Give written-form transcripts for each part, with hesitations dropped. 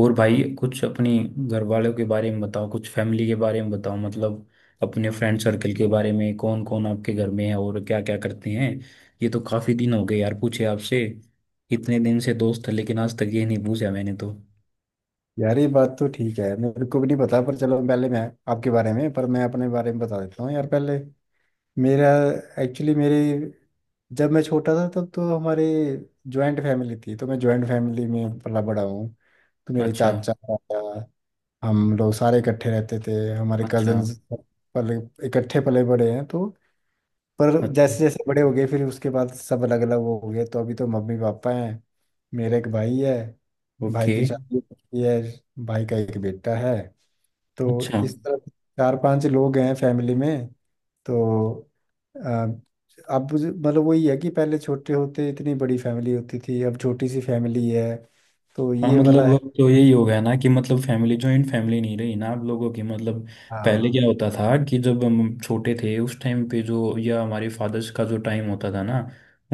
और भाई कुछ अपनी घर वालों के बारे में बताओ। कुछ फैमिली के बारे में बताओ मतलब अपने फ्रेंड सर्कल के बारे में। कौन कौन आपके घर में है और क्या क्या करते हैं। ये तो काफी दिन हो गए यार पूछे आपसे। इतने दिन से दोस्त है लेकिन आज तक ये नहीं पूछा मैंने तो। यार ये बात तो ठीक है। मेरे को भी नहीं पता। पर चलो पहले मैं आपके बारे में पर मैं अपने बारे में बता देता हूँ यार पहले। मेरा एक्चुअली मेरे जब मैं छोटा था तब तो हमारे जॉइंट फैमिली थी, तो मैं जॉइंट फैमिली में पला बड़ा हूँ। तो मेरे अच्छा। चाचा ताया, हम लोग सारे इकट्ठे रहते थे, हमारे अच्छा। कजन पले इकट्ठे पले बड़े हैं। तो पर अच्छा। जैसे जैसे बड़े हो गए फिर उसके बाद सब अलग अलग हो गए। तो अभी तो मम्मी पापा हैं। मेरा एक भाई है, भाई ओके। की शादी हो चुकी है, भाई का एक बेटा है। तो अच्छा। इस तरह चार पांच लोग हैं फैमिली में। तो अ, अब मतलब वही है कि पहले छोटे होते इतनी बड़ी फैमिली होती थी, अब छोटी सी फैमिली है। तो हाँ ये वाला मतलब है। अब तो यही हो गया ना कि मतलब फैमिली जॉइंट फैमिली नहीं रही ना आप लोगों की मतलब। पहले हाँ। क्या होता था कि जब हम छोटे थे उस टाइम पे जो या हमारे फादर्स का जो टाइम होता था ना।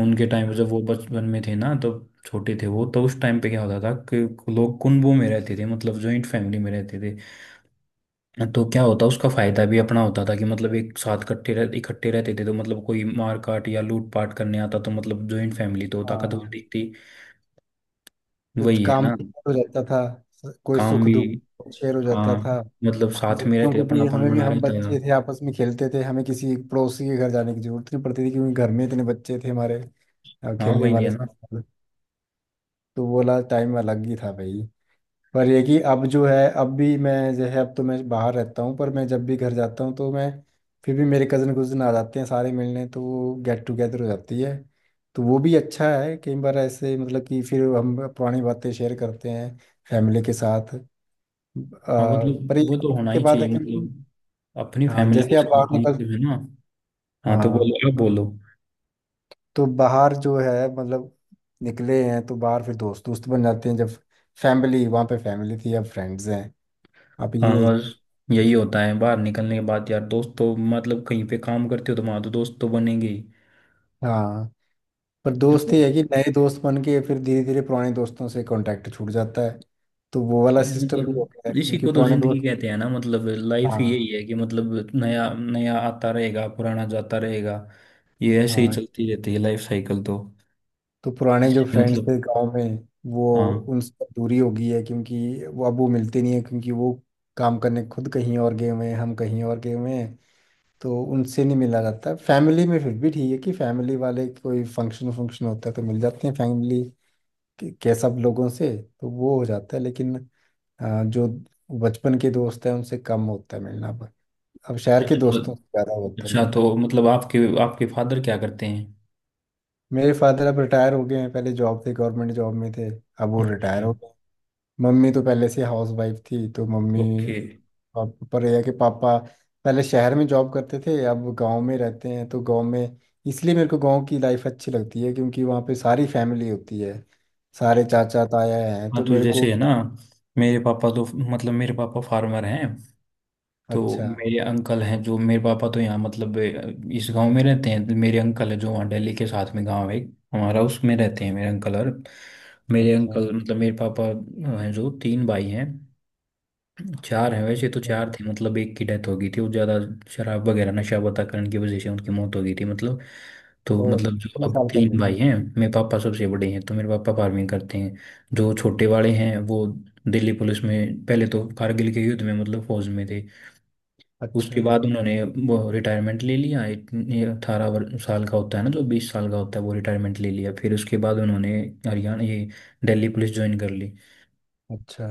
उनके टाइम जब वो बचपन में थे ना तब छोटे थे वो, तो उस टाइम पे क्या होता था कि लोग कुंबों में रहते थे मतलब जॉइंट फैमिली में रहते थे। तो क्या होता उसका फायदा भी अपना होता था कि मतलब एक साथ इकट्ठे रहते थे तो मतलब कोई मार काट या लूट पाट करने आता तो मतलब जॉइंट फैमिली तो हाँ, ताकतवर दिखती। तो वही है काम ना। भी शेयर हो जाता था, कोई काम सुख भी। दुख शेयर हो जाता हाँ था। मतलब साथ में बच्चों रहते को अपना भी, अपन हमें भी, बना हम रहता है। बच्चे थे आपस में खेलते थे, हमें किसी पड़ोसी के घर जाने की जरूरत नहीं पड़ती थी क्योंकि घर में इतने बच्चे थे हमारे हाँ खेलने वही है वाले। ना। तो वो वाला टाइम अलग ही था भाई। पर ये कि अब जो है, अब भी मैं जो है, अब तो मैं बाहर रहता हूँ। पर मैं जब भी घर जाता हूँ तो मैं फिर भी मेरे कज़न कुज़न आ जाते हैं सारे मिलने, तो वो गेट टुगेदर हो जाती है। तो वो भी अच्छा है, कई बार ऐसे मतलब कि फिर हम पुरानी बातें शेयर करते हैं फैमिली के साथ। हाँ मतलब पर ये वो तो होना के ही बाद चाहिए है कि मतलब। अपनी हाँ, फैमिली के जैसे आप साथ बाहर तो निकल। मतलब है ना। हाँ तो हाँ, बोलो, आप बोलो। तो बाहर जो है मतलब निकले हैं तो बाहर फिर दोस्त दोस्त बन जाते हैं, जब फैमिली वहाँ पे फैमिली थी, अब फ्रेंड्स हैं। अब हाँ ये। बस यही होता है बाहर निकलने के बाद यार, दोस्त तो मतलब कहीं पे काम करते हो तो वहां तो दोस्त तो बनेंगे ही। हाँ, पर दोस्त और ये है कि नए दोस्त बन के फिर धीरे धीरे पुराने दोस्तों से कांटेक्ट छूट जाता है। तो वो वाला हाँ, सिस्टम भी होता है, मतलब इसी क्योंकि को तो पुराने जिंदगी दोस्त। कहते हैं ना मतलब लाइफ ही यही हाँ। है कि मतलब नया नया आता रहेगा पुराना जाता रहेगा। ये ऐसे ही हाँ, चलती रहती है लाइफ साइकिल तो। तो पुराने जो इसलिए फ्रेंड्स मतलब। थे गांव में, वो उनसे दूरी हो गई है क्योंकि वो अब वो मिलते नहीं है क्योंकि वो काम करने खुद कहीं और गए हुए हैं, हम कहीं और गए हुए हैं, तो उनसे नहीं मिला जाता। फैमिली में फिर भी ठीक है कि फैमिली वाले कोई फंक्शन फंक्शन होता है तो मिल जाते हैं फैमिली के सब लोगों से, तो वो हो जाता है। लेकिन जो बचपन के दोस्त हैं उनसे कम होता है मिलना अब। अब शहर के हाँ। दोस्तों से ज़्यादा होता है अच्छा तो मिलना। मतलब आपके आपके फादर क्या करते हैं। मेरे फादर अब रिटायर हो गए हैं, पहले जॉब थे, गवर्नमेंट जॉब में थे, अब वो रिटायर अच्छा। हो गए। मम्मी तो पहले से हाउस वाइफ थी, तो मम्मी ओके। पर यह है कि पापा पहले शहर में जॉब करते थे, अब गांव में रहते हैं। तो गांव में, इसलिए मेरे को गांव की लाइफ अच्छी लगती है क्योंकि वहाँ पे सारी फैमिली होती है, सारे चाचा ताया हैं, हाँ तो तो मेरे को। जैसे है ना। मेरे पापा तो मतलब मेरे पापा फार्मर हैं। तो अच्छा। मेरे अंकल हैं जो, मेरे पापा तो यहाँ मतलब इस गांव में रहते हैं। मेरे अंकल है जो वहाँ दिल्ली के साथ में गांव है एक, हमारा, उसमें रहते हैं मेरे अंकल। और मेरे अच्छा, अंकल मतलब मेरे पापा हैं जो तीन भाई हैं। चार हैं वैसे, तो अच्छा चार थे मतलब एक की डेथ हो गई थी, वो ज़्यादा शराब वगैरह नशा पता करने की वजह से उनकी मौत हो गई थी मतलब। तो और मतलब जो कितने अब साल पहले? तीन भाई हैं। मेरे पापा सबसे बड़े हैं तो मेरे पापा फार्मिंग करते हैं। जो छोटे वाले हैं वो दिल्ली पुलिस में, पहले तो कारगिल के युद्ध में मतलब फौज में थे। उसके अच्छा बाद उन्होंने वो रिटायरमेंट ले लिया। 18 साल का होता है ना, जो 20 साल का होता है, वो रिटायरमेंट ले लिया, फिर उसके बाद उन्होंने हरियाणा ये दिल्ली पुलिस ज्वाइन कर ली। अच्छा।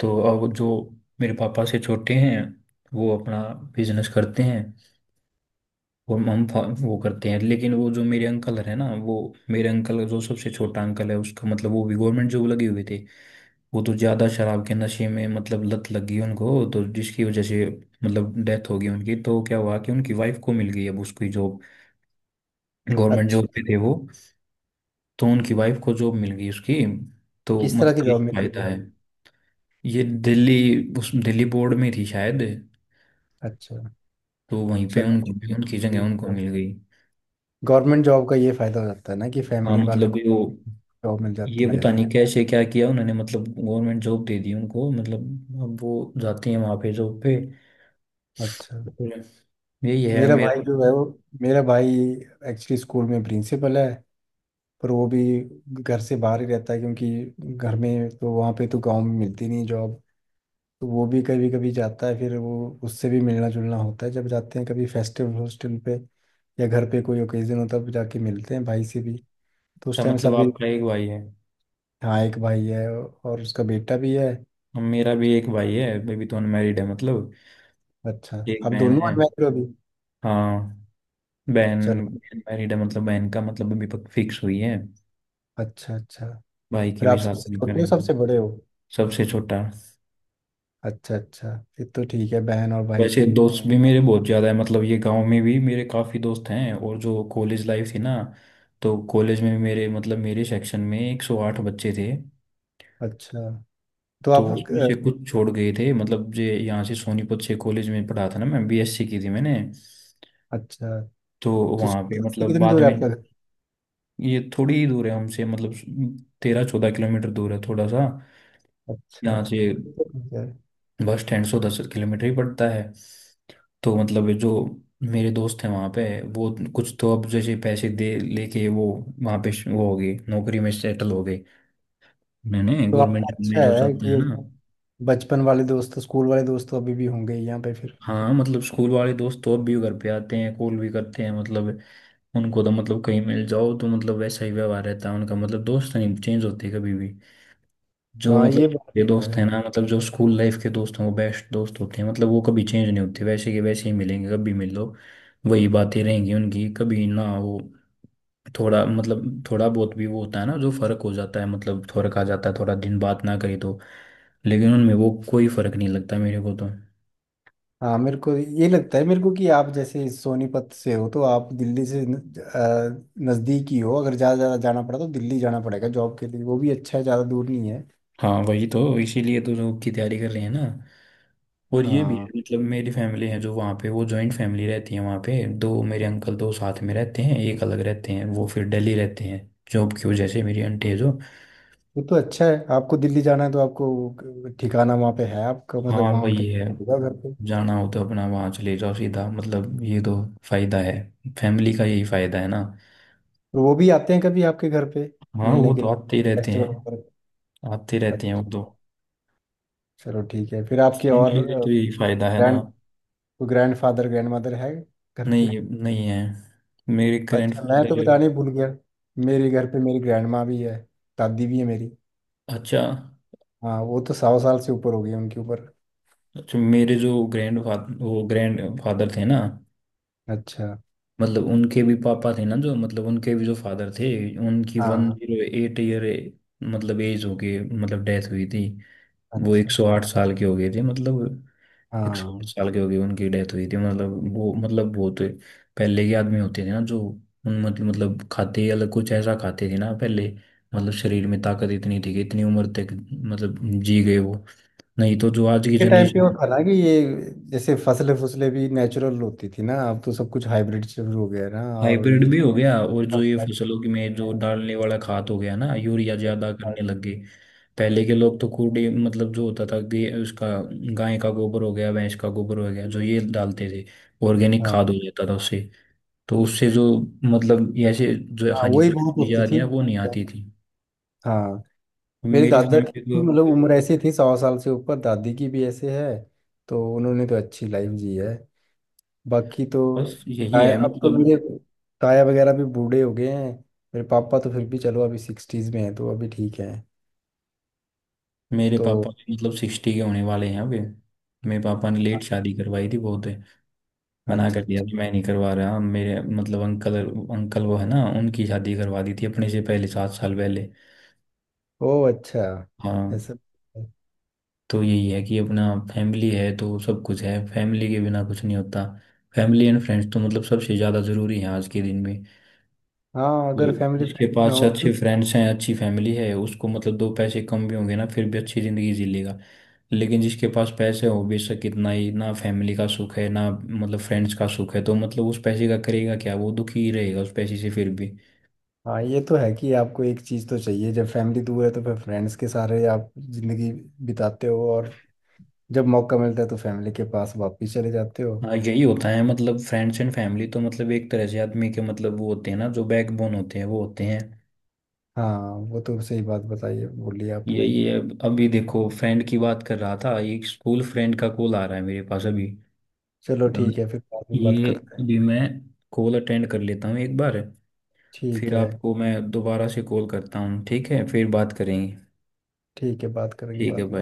तो अब जो मेरे पापा से छोटे हैं वो अपना बिजनेस करते हैं। वो हम वो करते हैं, लेकिन वो जो मेरे अंकल है ना, वो मेरे अंकल जो सबसे छोटा अंकल है उसका मतलब वो भी गवर्नमेंट जॉब लगे हुए थे। वो तो ज़्यादा शराब के नशे में मतलब लत लग गई उनको। तो जिसकी वजह से मतलब डेथ हो गई उनकी, तो क्या हुआ कि उनकी वाइफ को मिल गई अब उसकी जॉब। गवर्नमेंट अच्छा, जॉब पे थे वो। तो उनकी वाइफ को जॉब मिल गई उसकी। तो किस तरह मतलब की ये जॉब मिली है फायदा फिर है। अब? ये दिल्ली, उस दिल्ली बोर्ड में थी शायद। अच्छा, तो वहीं पे चलो उनको ठीक। उनकी जगह ठीक, उनको मिल गई। गवर्नमेंट जॉब का ये फायदा हो जाता है ना कि हाँ फैमिली वाले मतलब को ये वो, जॉब मिल ये जाती है। पता नहीं कैसे क्या किया उन्होंने, मतलब गवर्नमेंट जॉब दे दी उनको, मतलब अब वो जाते हैं वहाँ पे जॉब पे। अच्छा, और यही है मेरा भाई मेरा। जो है वो, मेरा भाई एक्चुअली स्कूल में प्रिंसिपल है। पर वो भी घर से बाहर ही रहता है क्योंकि घर में तो वहाँ पे तो गांव में मिलती नहीं जॉब। तो वो भी कभी कभी जाता है, फिर वो उससे भी मिलना जुलना होता है जब जाते हैं कभी फेस्टिवल हॉस्टल पे, या घर पे कोई ओकेजन होता है तब जाके मिलते हैं भाई से भी, तो उस अच्छा टाइम मतलब सभी। आपका एक भाई है। हाँ, एक भाई है और उसका बेटा भी है। हम, मेरा भी एक भाई है अभी तो अनमैरिड है मतलब। अच्छा, एक आप बहन दोनों है। अनमैरिड हो अभी? हाँ। बहन चलो। मैरिड है मतलब, बहन का मतलब अभी फिक्स हुई है। अच्छा, अच्छा भाई के फिर भी आप साथ सबसे भी छोटे हो करेंगे। सबसे बड़े हो? सबसे छोटा। अच्छा अच्छा, फिर तो ठीक है बहन और भाई वैसे की। दोस्त भी मेरे बहुत ज़्यादा है मतलब, ये गांव में भी मेरे काफ़ी दोस्त हैं और जो कॉलेज लाइफ थी ना। तो कॉलेज में भी मेरे मतलब मेरे सेक्शन में 108 बच्चे थे। अच्छा, तो तो आप। उसमें से कुछ छोड़ गए थे मतलब, जे यहाँ से सोनीपत से कॉलेज में पढ़ा था ना मैं, बीएससी की थी मैंने। अच्छा, तो तो वहाँ पे स्कूल से मतलब कितनी बाद दूर है में आपका घर? ये थोड़ी ही दूर है हमसे मतलब। 13-14 किलोमीटर दूर है थोड़ा सा अच्छा, यहाँ से। फिर तो ठीक है। बस स्टैंड 110 किलोमीटर ही पड़ता है। तो मतलब ये जो मेरे दोस्त हैं वहाँ पे, वो कुछ तो अब जैसे पैसे दे लेके वो वहाँ पे वो हो गए नौकरी में सेटल हो गए। मैंने तो आपका गवर्नमेंट में अच्छा जो है चलते हैं कि ना। बचपन वाले दोस्त स्कूल वाले दोस्त तो अभी भी होंगे ही यहाँ पे फिर। हाँ मतलब स्कूल वाले दोस्त तो अब भी घर पे आते हैं, कॉल भी करते हैं मतलब। उनको तो मतलब कहीं मिल जाओ तो मतलब वैसा ही व्यवहार रहता है उनका, मतलब दोस्त नहीं चेंज होते कभी भी। जो हाँ मतलब ये बात ये तो दोस्त हैं है। ना, मतलब जो स्कूल लाइफ के दोस्त हैं वो बेस्ट दोस्त होते हैं, मतलब वो कभी चेंज नहीं होते, वैसे के वैसे ही मिलेंगे कभी मिल लो। वही बातें रहेंगी उनकी कभी ना वो। थोड़ा मतलब थोड़ा बहुत भी वो होता है ना, जो फर्क हो जाता है मतलब फर्क आ जाता है थोड़ा दिन बात ना करी तो। लेकिन उनमें वो कोई फर्क नहीं लगता मेरे को तो। हाँ, मेरे को ये लगता है मेरे को कि आप जैसे सोनीपत से हो तो आप दिल्ली से नज़दीक ही हो। अगर ज़्यादा ज़्यादा जाना पड़ा तो दिल्ली जाना पड़ेगा जॉब के लिए, वो भी अच्छा है, ज़्यादा दूर नहीं है। हाँ वही तो, इसीलिए तो जॉब की तैयारी कर रहे हैं ना। और ये भी हाँ, है मतलब मेरी फैमिली है जो वहाँ पे, वो जॉइंट फैमिली रहती है वहाँ पे, दो मेरे अंकल दो साथ में रहते हैं, एक अलग रहते हैं वो फिर दिल्ली रहते हैं जॉब की वजह से। मेरी आंटी है जो। वो तो अच्छा है, आपको दिल्ली जाना है तो आपको ठिकाना वहाँ पे है आपका, मतलब हाँ वहाँ उनके वही है। होगा घर पे। जाना हो तो अपना वहाँ चले जाओ सीधा, मतलब ये तो फायदा है। फैमिली का यही फायदा है ना। और वो भी आते हैं कभी आपके घर पे हाँ मिलने वो के तो लिए, आते ही रहते फेस्टिवल हैं। पर? आते रहते हैं वो अच्छा, तो। चलो ठीक है फिर आपके और फैमिली का तो यही फायदा है ना। Grand grandfather grandmother है घर पे? नहीं, नहीं है। मेरे ग्रैंड अच्छा, मैं तो फादर। बताने ही भूल गया। मेरे घर पे मेरी ग्रैंड माँ भी है, दादी भी है मेरी। अच्छा। हाँ, वो तो 100 साल से ऊपर हो गई है उनके ऊपर। अच्छा मेरे जो ग्रैंड फादर, वो ग्रैंड फादर थे ना अच्छा। मतलब उनके भी पापा थे ना, जो मतलब उनके भी जो फादर थे। उनकी वन हाँ। जीरो एट ईयर मतलब एज हो गई, मतलब डेथ हुई थी। वो अच्छा। 108 साल के हो गए थे मतलब, एक सौ आठ हाँ, साल के हो गए उनकी डेथ हुई थी, मतलब वो मतलब बहुत पहले के आदमी होते थे ना, जो उन मतलब खाते ही अलग कुछ ऐसा खाते थे ना पहले। मतलब शरीर में ताकत इतनी थी कि इतनी उम्र तक मतलब जी गए वो। नहीं तो जो आज की के टाइम पे वो जनरेशन। था ना कि ये जैसे फसलें फसलें भी नेचुरल होती थी ना, अब तो सब कुछ हाइब्रिड शुरू हो गया है ना। और हाइब्रिड ये। भी हो गया और हाँ। जो ये फसलों की में जो डालने वाला खाद हो गया ना यूरिया ज्यादा करने लग गए। पहले के लोग तो कूड़े मतलब जो होता था कि उसका गाय का गोबर हो गया भैंस का गोबर हो गया जो ये डालते थे। ऑर्गेनिक हाँ खाद हो जाता था उससे। तो उससे जो मतलब ये ऐसे जो वही हानिकारक बहुत चीजें होती आ रही थी। हैं वो नहीं आती थी। हाँ, मेरे मेरी दादा की फैमिली तो भी मतलब उम्र ऐसी थी 100 साल से ऊपर, दादी की भी ऐसे है। तो उन्होंने तो अच्छी लाइफ जी है। बाकी तो बस यही है ताया, अब तो मतलब। मेरे ताया वगैरह भी बूढ़े हो गए हैं। मेरे पापा तो फिर भी चलो अभी सिक्सटीज में हैं तो अभी ठीक है। मेरे तो पापा मतलब 60 के होने वाले हैं अभी। मेरे पापा ने लेट शादी करवाई थी बहुत। मना अच्छा। कर दिया अच्छा। कि मैं नहीं करवा रहा, मेरे मतलब अंकल, अंकल वो है ना, उनकी शादी करवा दी थी अपने से पहले, 7 साल पहले। ओ अच्छा, हाँ ऐसा। तो यही है कि अपना फैमिली है तो सब कुछ है, फैमिली के बिना कुछ नहीं होता। फैमिली एंड फ्रेंड्स तो मतलब सबसे ज़्यादा ज़रूरी है आज के दिन में। हाँ, तो अगर फैमिली जिसके फ्रेंड्स ना पास हो तो। अच्छे फ्रेंड्स हैं अच्छी फैमिली है उसको, मतलब दो पैसे कम भी होंगे ना फिर भी अच्छी ज़िंदगी जी लेगा। लेकिन जिसके पास पैसे हो बेशक कितना ही ना, फैमिली का सुख है ना मतलब फ्रेंड्स का सुख है तो, मतलब उस पैसे का करेगा क्या, वो दुखी ही रहेगा उस पैसे से फिर भी। हाँ ये तो है कि आपको एक चीज़ तो चाहिए, जब फैमिली दूर है तो फिर फ्रेंड्स के सारे आप जिंदगी बिताते हो, और जब मौका मिलता है तो फैमिली के पास वापस चले जाते हो। हाँ यही होता है, मतलब फ्रेंड्स एंड फैमिली तो मतलब एक तरह से आदमी के मतलब वो होते हैं ना जो बैकबोन होते हैं, वो होते हैं। हाँ, वो तो सही बात बताई है बोली आपने। यही है अभी देखो, फ्रेंड की बात कर रहा था, एक स्कूल फ्रेंड का कॉल आ रहा है मेरे पास अभी। चलो अ, ठीक है फिर बाद में बात ये करते हैं। अभी मैं कॉल अटेंड कर लेता हूँ एक बार। ठीक फिर है। आपको मैं दोबारा से कॉल करता हूँ, ठीक है फिर बात करेंगे। ठीक है, बात करेंगे ठीक है बाद भाई। में।